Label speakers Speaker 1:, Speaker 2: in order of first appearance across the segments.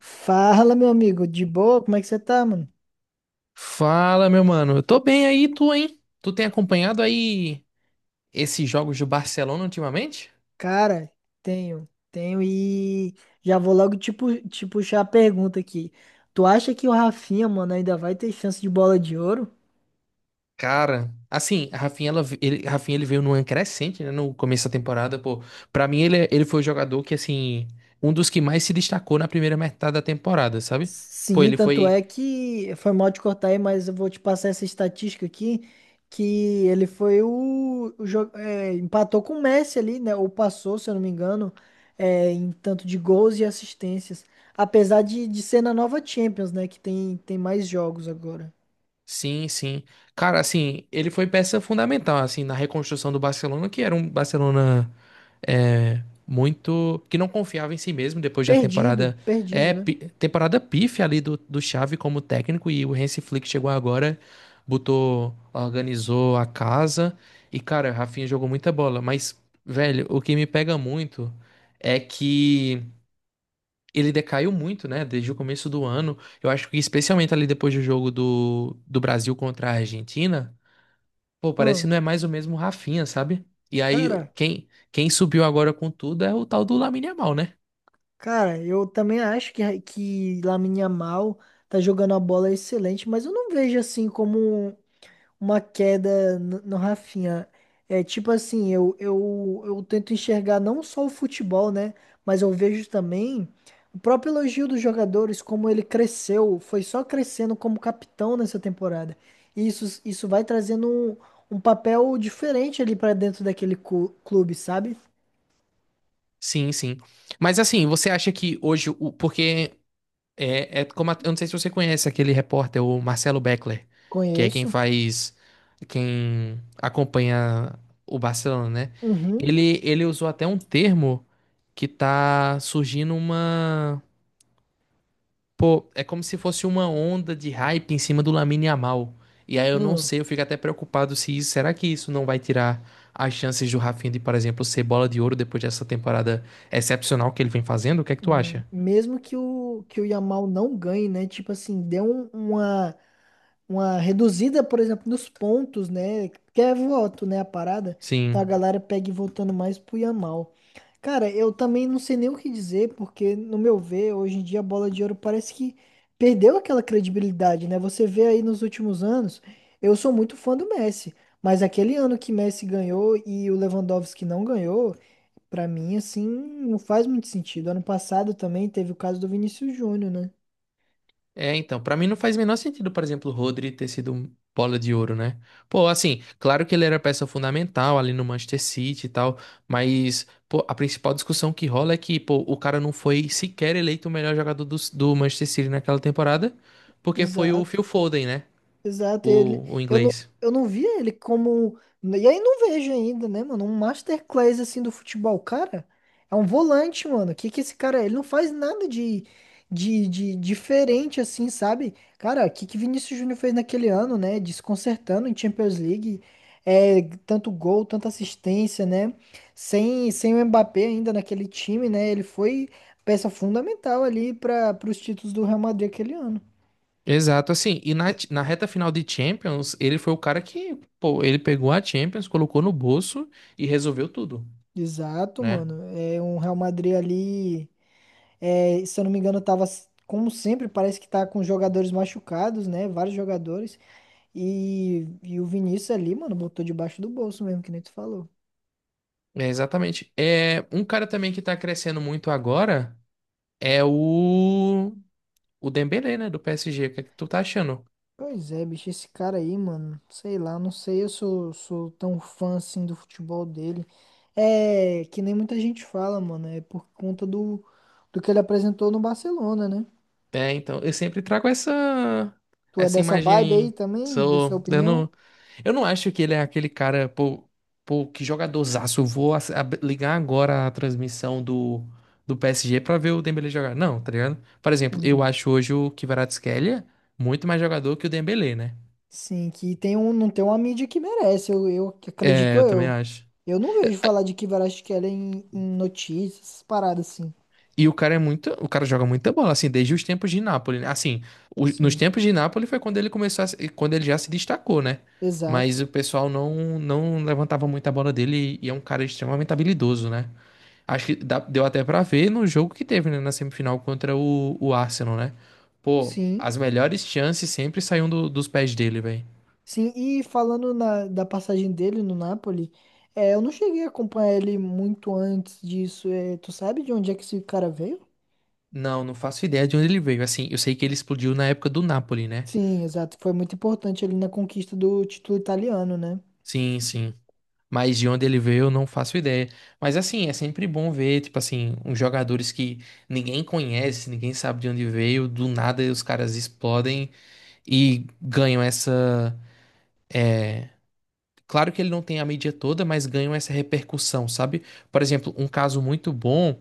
Speaker 1: Fala, meu amigo, de boa? Como é que você tá, mano?
Speaker 2: Fala, meu mano. Eu tô bem aí, tu, hein? Tu tem acompanhado aí esses jogos do Barcelona ultimamente?
Speaker 1: Cara, tenho e já vou logo te puxar a pergunta aqui. Tu acha que o Rafinha, mano, ainda vai ter chance de bola de ouro?
Speaker 2: Cara, assim, a Rafinha, ele veio numa crescente, né, no começo da temporada, pô. Pra mim, ele foi o jogador que, assim, um dos que mais se destacou na primeira metade da temporada, sabe? Pô,
Speaker 1: Sim,
Speaker 2: ele
Speaker 1: tanto
Speaker 2: foi...
Speaker 1: é que foi mal te cortar aí, mas eu vou te passar essa estatística aqui, que ele foi empatou com o Messi ali, né? Ou passou, se eu não me engano, em tanto de gols e assistências. Apesar de ser na nova Champions, né? Que tem mais jogos agora.
Speaker 2: Sim, sim. Cara, assim, ele foi peça fundamental, assim, na reconstrução do Barcelona, que era um Barcelona muito que não confiava em si mesmo depois da
Speaker 1: Perdido,
Speaker 2: temporada,
Speaker 1: perdido, né?
Speaker 2: temporada pífia ali do Xavi como técnico, e o Hansi Flick chegou agora, botou, organizou a casa e, cara, Rafinha jogou muita bola, mas, velho, o que me pega muito é que ele decaiu muito, né, desde o começo do ano. Eu acho que especialmente ali depois do jogo do Brasil contra a Argentina. Pô, parece
Speaker 1: Hum,
Speaker 2: que não é mais o mesmo Rafinha, sabe? E aí,
Speaker 1: cara,
Speaker 2: quem subiu agora com tudo é o tal do Lamine Yamal, né?
Speaker 1: cara, eu também acho que Lamine Yamal tá jogando a bola excelente, mas eu não vejo assim como uma queda no Rafinha. É tipo assim, eu tento enxergar não só o futebol, né? Mas eu vejo também o próprio elogio dos jogadores, como ele cresceu, foi só crescendo como capitão nessa temporada. E isso vai trazendo um papel diferente ali pra dentro clube, sabe?
Speaker 2: Sim, sim. Mas assim, você acha que hoje, o, porque é, é como, a- eu não sei se você conhece aquele repórter, o Marcelo Beckler, que é quem
Speaker 1: Conheço.
Speaker 2: faz, quem acompanha o Barcelona, né?
Speaker 1: Uhum.
Speaker 2: Ele usou até um termo que tá surgindo uma... Pô, é como se fosse uma onda de hype em cima do Lamine Yamal. E aí eu não
Speaker 1: Hum.
Speaker 2: sei, eu fico até preocupado se isso, será que isso não vai tirar as chances do Rafinha de, por exemplo, ser bola de ouro depois dessa temporada excepcional que ele vem fazendo? O que é que tu
Speaker 1: Hum.
Speaker 2: acha?
Speaker 1: Mesmo que o Yamal não ganhe, né? Tipo assim, uma reduzida, por exemplo, nos pontos, né? Que é voto, né? A parada. Então a
Speaker 2: Sim.
Speaker 1: galera pega e votando mais pro Yamal. Cara, eu também não sei nem o que dizer, porque, no meu ver, hoje em dia a bola de ouro parece que perdeu aquela credibilidade, né? Você vê aí nos últimos anos, eu sou muito fã do Messi, mas aquele ano que Messi ganhou e o Lewandowski não ganhou. Pra mim, assim, não faz muito sentido. Ano passado também teve o caso do Vinícius Júnior, né?
Speaker 2: É, então, pra mim não faz o menor sentido, por exemplo, o Rodri ter sido um bola de ouro, né? Pô, assim, claro que ele era peça fundamental ali no Manchester City e tal, mas pô, a principal discussão que rola é que, pô, o cara não foi sequer eleito o melhor jogador do Manchester City naquela temporada, porque foi o
Speaker 1: Exato.
Speaker 2: Phil Foden, né?
Speaker 1: Exato, ele,
Speaker 2: O inglês.
Speaker 1: eu não via ele e aí não vejo ainda, né, mano, um masterclass assim do futebol, cara, é um volante, mano, que esse cara, é? Ele não faz nada de diferente assim, sabe, cara, o que que Vinícius Júnior fez naquele ano, né, desconcertando em Champions League, é, tanto gol, tanta assistência, né, sem o Mbappé ainda naquele time, né, ele foi peça fundamental ali para os títulos do Real Madrid aquele ano.
Speaker 2: Exato, assim, e na, na reta final de Champions, ele foi o cara que, pô, ele pegou a Champions, colocou no bolso e resolveu tudo,
Speaker 1: Exato,
Speaker 2: né?
Speaker 1: mano. É um Real Madrid ali, é, se eu não me engano, como sempre, parece que tá com jogadores machucados, né? Vários jogadores. E o Vinícius ali, mano, botou debaixo do bolso mesmo, que nem tu falou.
Speaker 2: É, exatamente. É, um cara também que tá crescendo muito agora é o Dembélé, né, do PSG. O que é que tu tá achando?
Speaker 1: Pois é, bicho, esse cara aí, mano, sei lá, não sei, sou tão fã assim do futebol dele. É, que nem muita gente fala, mano, é por conta do que ele apresentou no Barcelona, né?
Speaker 2: É, então, eu sempre trago essa
Speaker 1: Tu é
Speaker 2: essa
Speaker 1: dessa vibe aí
Speaker 2: imagem.
Speaker 1: também,
Speaker 2: Sou
Speaker 1: dessa opinião?
Speaker 2: dando. Eu não acho que ele é aquele cara, pô, pô, que jogadorzaço. Eu vou ligar agora a transmissão do, do PSG pra ver o Dembélé jogar. Não, tá ligado? Por exemplo, eu
Speaker 1: Hum.
Speaker 2: acho hoje o Kvaratskhelia muito mais jogador que o Dembélé, né?
Speaker 1: Sim, que tem um, não tem uma mídia que merece, eu que acredito
Speaker 2: É, eu também
Speaker 1: eu.
Speaker 2: acho.
Speaker 1: Eu não vejo falar de Kivarash Keller em notícias, essas paradas assim.
Speaker 2: E o cara é muito, o cara joga muita bola, assim, desde os tempos de Nápoles, né? Assim, nos
Speaker 1: Sim,
Speaker 2: tempos de Nápoles foi quando ele começou a se- quando ele já se destacou, né? Mas
Speaker 1: exato.
Speaker 2: o pessoal não levantava muito a bola dele, e é um cara extremamente habilidoso, né? Acho que deu até pra ver no jogo que teve, né, na semifinal contra o Arsenal, né? Pô,
Speaker 1: Sim,
Speaker 2: as melhores chances sempre saíam dos pés dele, velho.
Speaker 1: sim. E falando da passagem dele no Napoli, é, eu não cheguei a acompanhar ele muito antes disso. É, tu sabe de onde é que esse cara veio?
Speaker 2: Não, não faço ideia de onde ele veio. Assim, eu sei que ele explodiu na época do Napoli, né?
Speaker 1: Sim, exato. Foi muito importante ele na conquista do título italiano, né?
Speaker 2: Sim, sim. Mas de onde ele veio, eu não faço ideia. Mas assim, é sempre bom ver, tipo assim, uns jogadores que ninguém conhece, ninguém sabe de onde veio, do nada os caras explodem e ganham essa... é, Claro que ele não tem a mídia toda, mas ganham essa repercussão, sabe? Por exemplo, um caso muito bom.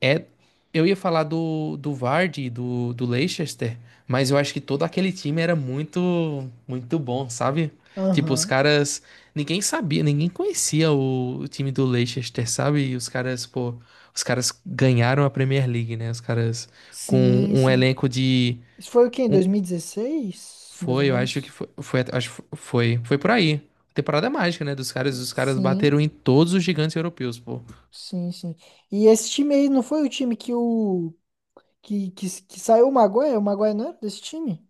Speaker 2: É, eu ia falar do Vardy, e do Leicester, mas eu acho que todo aquele time era muito, muito bom, sabe? Tipo, os
Speaker 1: Aham.
Speaker 2: caras, ninguém sabia, ninguém conhecia o time do Leicester, sabe? E os caras, pô, os caras ganharam a Premier League, né? Os caras com
Speaker 1: Sim,
Speaker 2: um
Speaker 1: sim.
Speaker 2: elenco de
Speaker 1: Isso foi o quê? Em
Speaker 2: um-
Speaker 1: 2016, mais ou
Speaker 2: foi, eu acho que
Speaker 1: menos?
Speaker 2: foi, foi, acho que foi, foi por aí. Temporada mágica, né? Dos caras, os caras
Speaker 1: Sim.
Speaker 2: bateram em todos os gigantes europeus, pô.
Speaker 1: Sim, sim. E esse time aí não foi o time que saiu o Maguire? O Maguire não era desse time?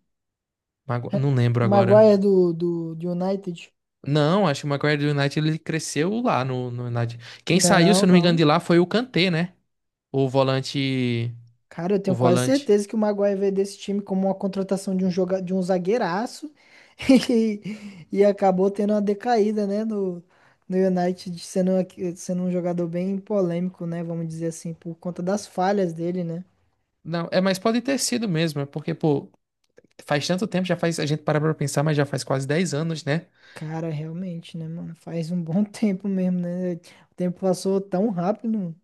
Speaker 2: Não lembro
Speaker 1: O
Speaker 2: agora.
Speaker 1: Maguire é do United?
Speaker 2: Não, acho que o Maguire do United ele cresceu lá no, no United. Quem saiu, se
Speaker 1: Não,
Speaker 2: eu não me engano,
Speaker 1: não.
Speaker 2: de lá foi o Kanté, né? O volante.
Speaker 1: Cara, eu
Speaker 2: O
Speaker 1: tenho quase
Speaker 2: volante.
Speaker 1: certeza que o Maguire veio desse time como uma contratação de um zagueiraço e, e acabou tendo uma decaída, né, no, no United, sendo um jogador bem polêmico, né, vamos dizer assim, por conta das falhas dele, né?
Speaker 2: Não, é, mas pode ter sido mesmo, é porque, pô, faz tanto tempo, já faz. A gente para pra pensar, mas já faz quase 10 anos, né?
Speaker 1: Cara, realmente, né, mano? Faz um bom tempo mesmo, né? O tempo passou tão rápido, mano.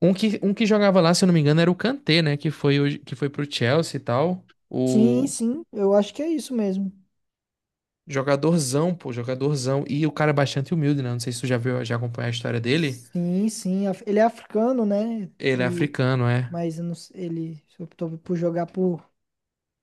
Speaker 2: Um que jogava lá, se eu não me engano, era o Kanté, né? Que foi, que foi pro Chelsea e tal.
Speaker 1: Sim,
Speaker 2: O
Speaker 1: sim, eu acho que é isso mesmo.
Speaker 2: jogadorzão, pô, jogadorzão. E o cara é bastante humilde, né? Não sei se tu já viu, já acompanhou a história dele.
Speaker 1: Sim, sim. Ele é africano, né?
Speaker 2: Ele é
Speaker 1: E,
Speaker 2: africano, é.
Speaker 1: mas eu não s- ele optou por jogar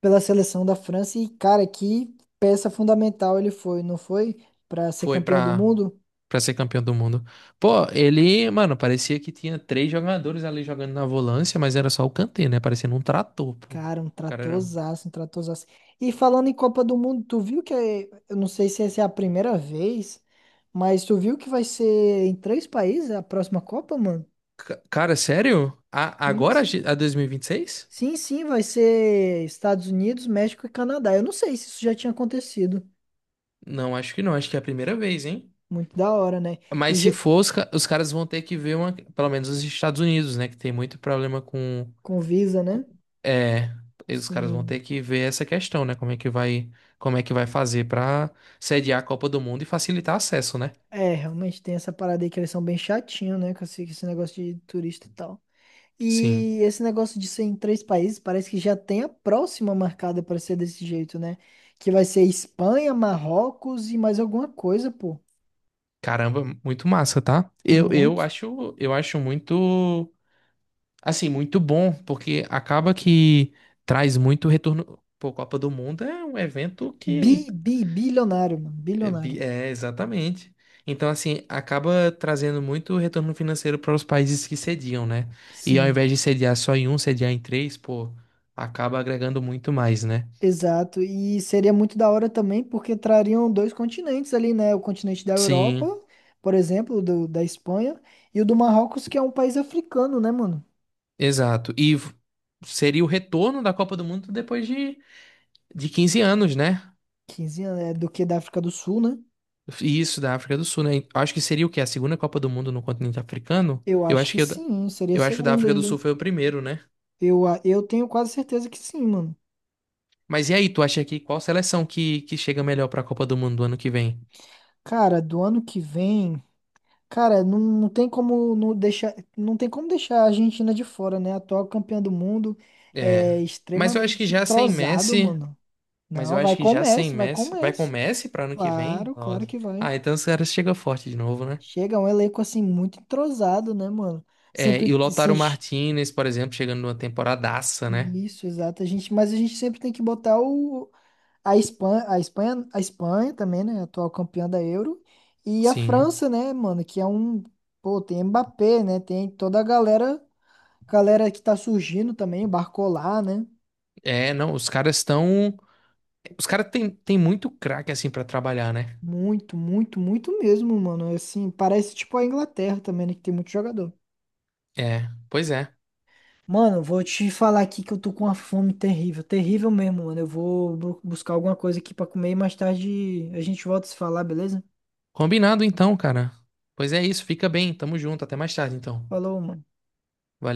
Speaker 1: pela seleção da França. E, cara, que peça fundamental ele foi, não foi? Pra ser
Speaker 2: Foi
Speaker 1: campeão do
Speaker 2: pra.
Speaker 1: mundo?
Speaker 2: Pra ser campeão do mundo. Pô, ele, mano, parecia que tinha três jogadores ali jogando na volância, mas era só o Kanté, né? Parecendo um trator, pô. O...
Speaker 1: Cara, um
Speaker 2: Cara, era...
Speaker 1: tratorzaço, um tratorzaço. E falando em Copa do Mundo, tu viu eu não sei se essa é a primeira vez, mas tu viu que vai ser em três países a próxima Copa, mano?
Speaker 2: Cara, sério?
Speaker 1: Sim,
Speaker 2: Agora
Speaker 1: sim.
Speaker 2: a 2026?
Speaker 1: Sim, sim, vai ser Estados Unidos, México e Canadá. Eu não sei se isso já tinha acontecido.
Speaker 2: Não, acho que não. Acho que é a primeira vez, hein?
Speaker 1: Muito da hora, né? E
Speaker 2: Mas
Speaker 1: já-
Speaker 2: se for, os caras vão ter que ver uma, pelo menos os Estados Unidos, né? Que tem muito problema com,
Speaker 1: com Visa, né?
Speaker 2: com- é, os caras vão
Speaker 1: Sim.
Speaker 2: ter que ver essa questão, né? Como é que vai, como é que vai fazer pra sediar a Copa do Mundo e facilitar acesso, né?
Speaker 1: É, realmente tem essa parada aí que eles são bem chatinhos, né? Com esse negócio de turista e tal.
Speaker 2: Sim.
Speaker 1: E esse negócio de ser em três países parece que já tem a próxima marcada para ser desse jeito, né? Que vai ser Espanha, Marrocos e mais alguma coisa, pô.
Speaker 2: Caramba, muito massa, tá?
Speaker 1: Muito.
Speaker 2: Eu acho muito, assim, muito bom, porque acaba que traz muito retorno. Pô, Copa do Mundo é um evento que
Speaker 1: Bilionário, mano.
Speaker 2: é...
Speaker 1: Bilionário.
Speaker 2: exatamente. Então, assim, acaba trazendo muito retorno financeiro para os países que sediam, né? E ao
Speaker 1: Sim,
Speaker 2: invés de sediar só em um, sediar em três, pô, acaba agregando muito mais, né?
Speaker 1: exato. E seria muito da hora também, porque trariam dois continentes ali, né? O continente da Europa,
Speaker 2: Sim,
Speaker 1: por exemplo, da Espanha, e o do Marrocos, que é um país africano, né, mano?
Speaker 2: exato. Seria o retorno da Copa do Mundo depois de 15 anos, né?
Speaker 1: 15 anos, é do que da África do Sul, né?
Speaker 2: Isso, da África do Sul, né? Acho que seria o quê? A segunda Copa do Mundo no continente africano?
Speaker 1: Eu
Speaker 2: Eu
Speaker 1: acho
Speaker 2: acho
Speaker 1: que
Speaker 2: que
Speaker 1: sim, seria a
Speaker 2: acho que o da
Speaker 1: segunda
Speaker 2: África do
Speaker 1: ainda.
Speaker 2: Sul foi o primeiro, né?
Speaker 1: Eu tenho quase certeza que sim, mano.
Speaker 2: Mas e aí, tu acha que qual seleção que chega melhor pra Copa do Mundo do ano que vem?
Speaker 1: Cara, do ano que vem, cara, não, não tem como não deixar, não tem como deixar a Argentina de fora, né? A atual campeã do mundo
Speaker 2: É.
Speaker 1: é
Speaker 2: Mas eu acho que
Speaker 1: extremamente
Speaker 2: já sem
Speaker 1: entrosado,
Speaker 2: Messi,
Speaker 1: mano. Não, vai com o Messi, vai com o
Speaker 2: Vai com
Speaker 1: Messi.
Speaker 2: Messi pra ano que vem?
Speaker 1: Claro, claro
Speaker 2: Nossa.
Speaker 1: que vai.
Speaker 2: Ah, então os caras chegam forte de novo, né?
Speaker 1: Chega um elenco assim muito entrosado, né, mano?
Speaker 2: É,
Speaker 1: Sempre
Speaker 2: e o
Speaker 1: t- se-
Speaker 2: Lautaro
Speaker 1: enche-
Speaker 2: Martinez, por exemplo, chegando numa temporadaça, né?
Speaker 1: isso, exato. Mas a gente sempre tem que botar o. A Espanha, a Espanha, a Espanha também, né? Atual campeã da Euro. E a
Speaker 2: Sim.
Speaker 1: França, né, mano? Que é um. Pô, tem Mbappé, né? Tem toda a galera, galera que tá surgindo também, Barcola, né?
Speaker 2: É, não, os caras estão, os caras têm tem muito craque assim pra trabalhar, né?
Speaker 1: Muito, muito, muito mesmo, mano. Assim, parece tipo a Inglaterra também, né? Que tem muito jogador.
Speaker 2: É, pois é.
Speaker 1: Mano, vou te falar aqui que eu tô com uma fome terrível, terrível mesmo, mano. Eu vou buscar alguma coisa aqui pra comer e mais tarde a gente volta a se falar, beleza?
Speaker 2: Combinado então, cara. Pois é isso, fica bem. Tamo junto, até mais tarde então.
Speaker 1: Falou, mano.
Speaker 2: Valeu.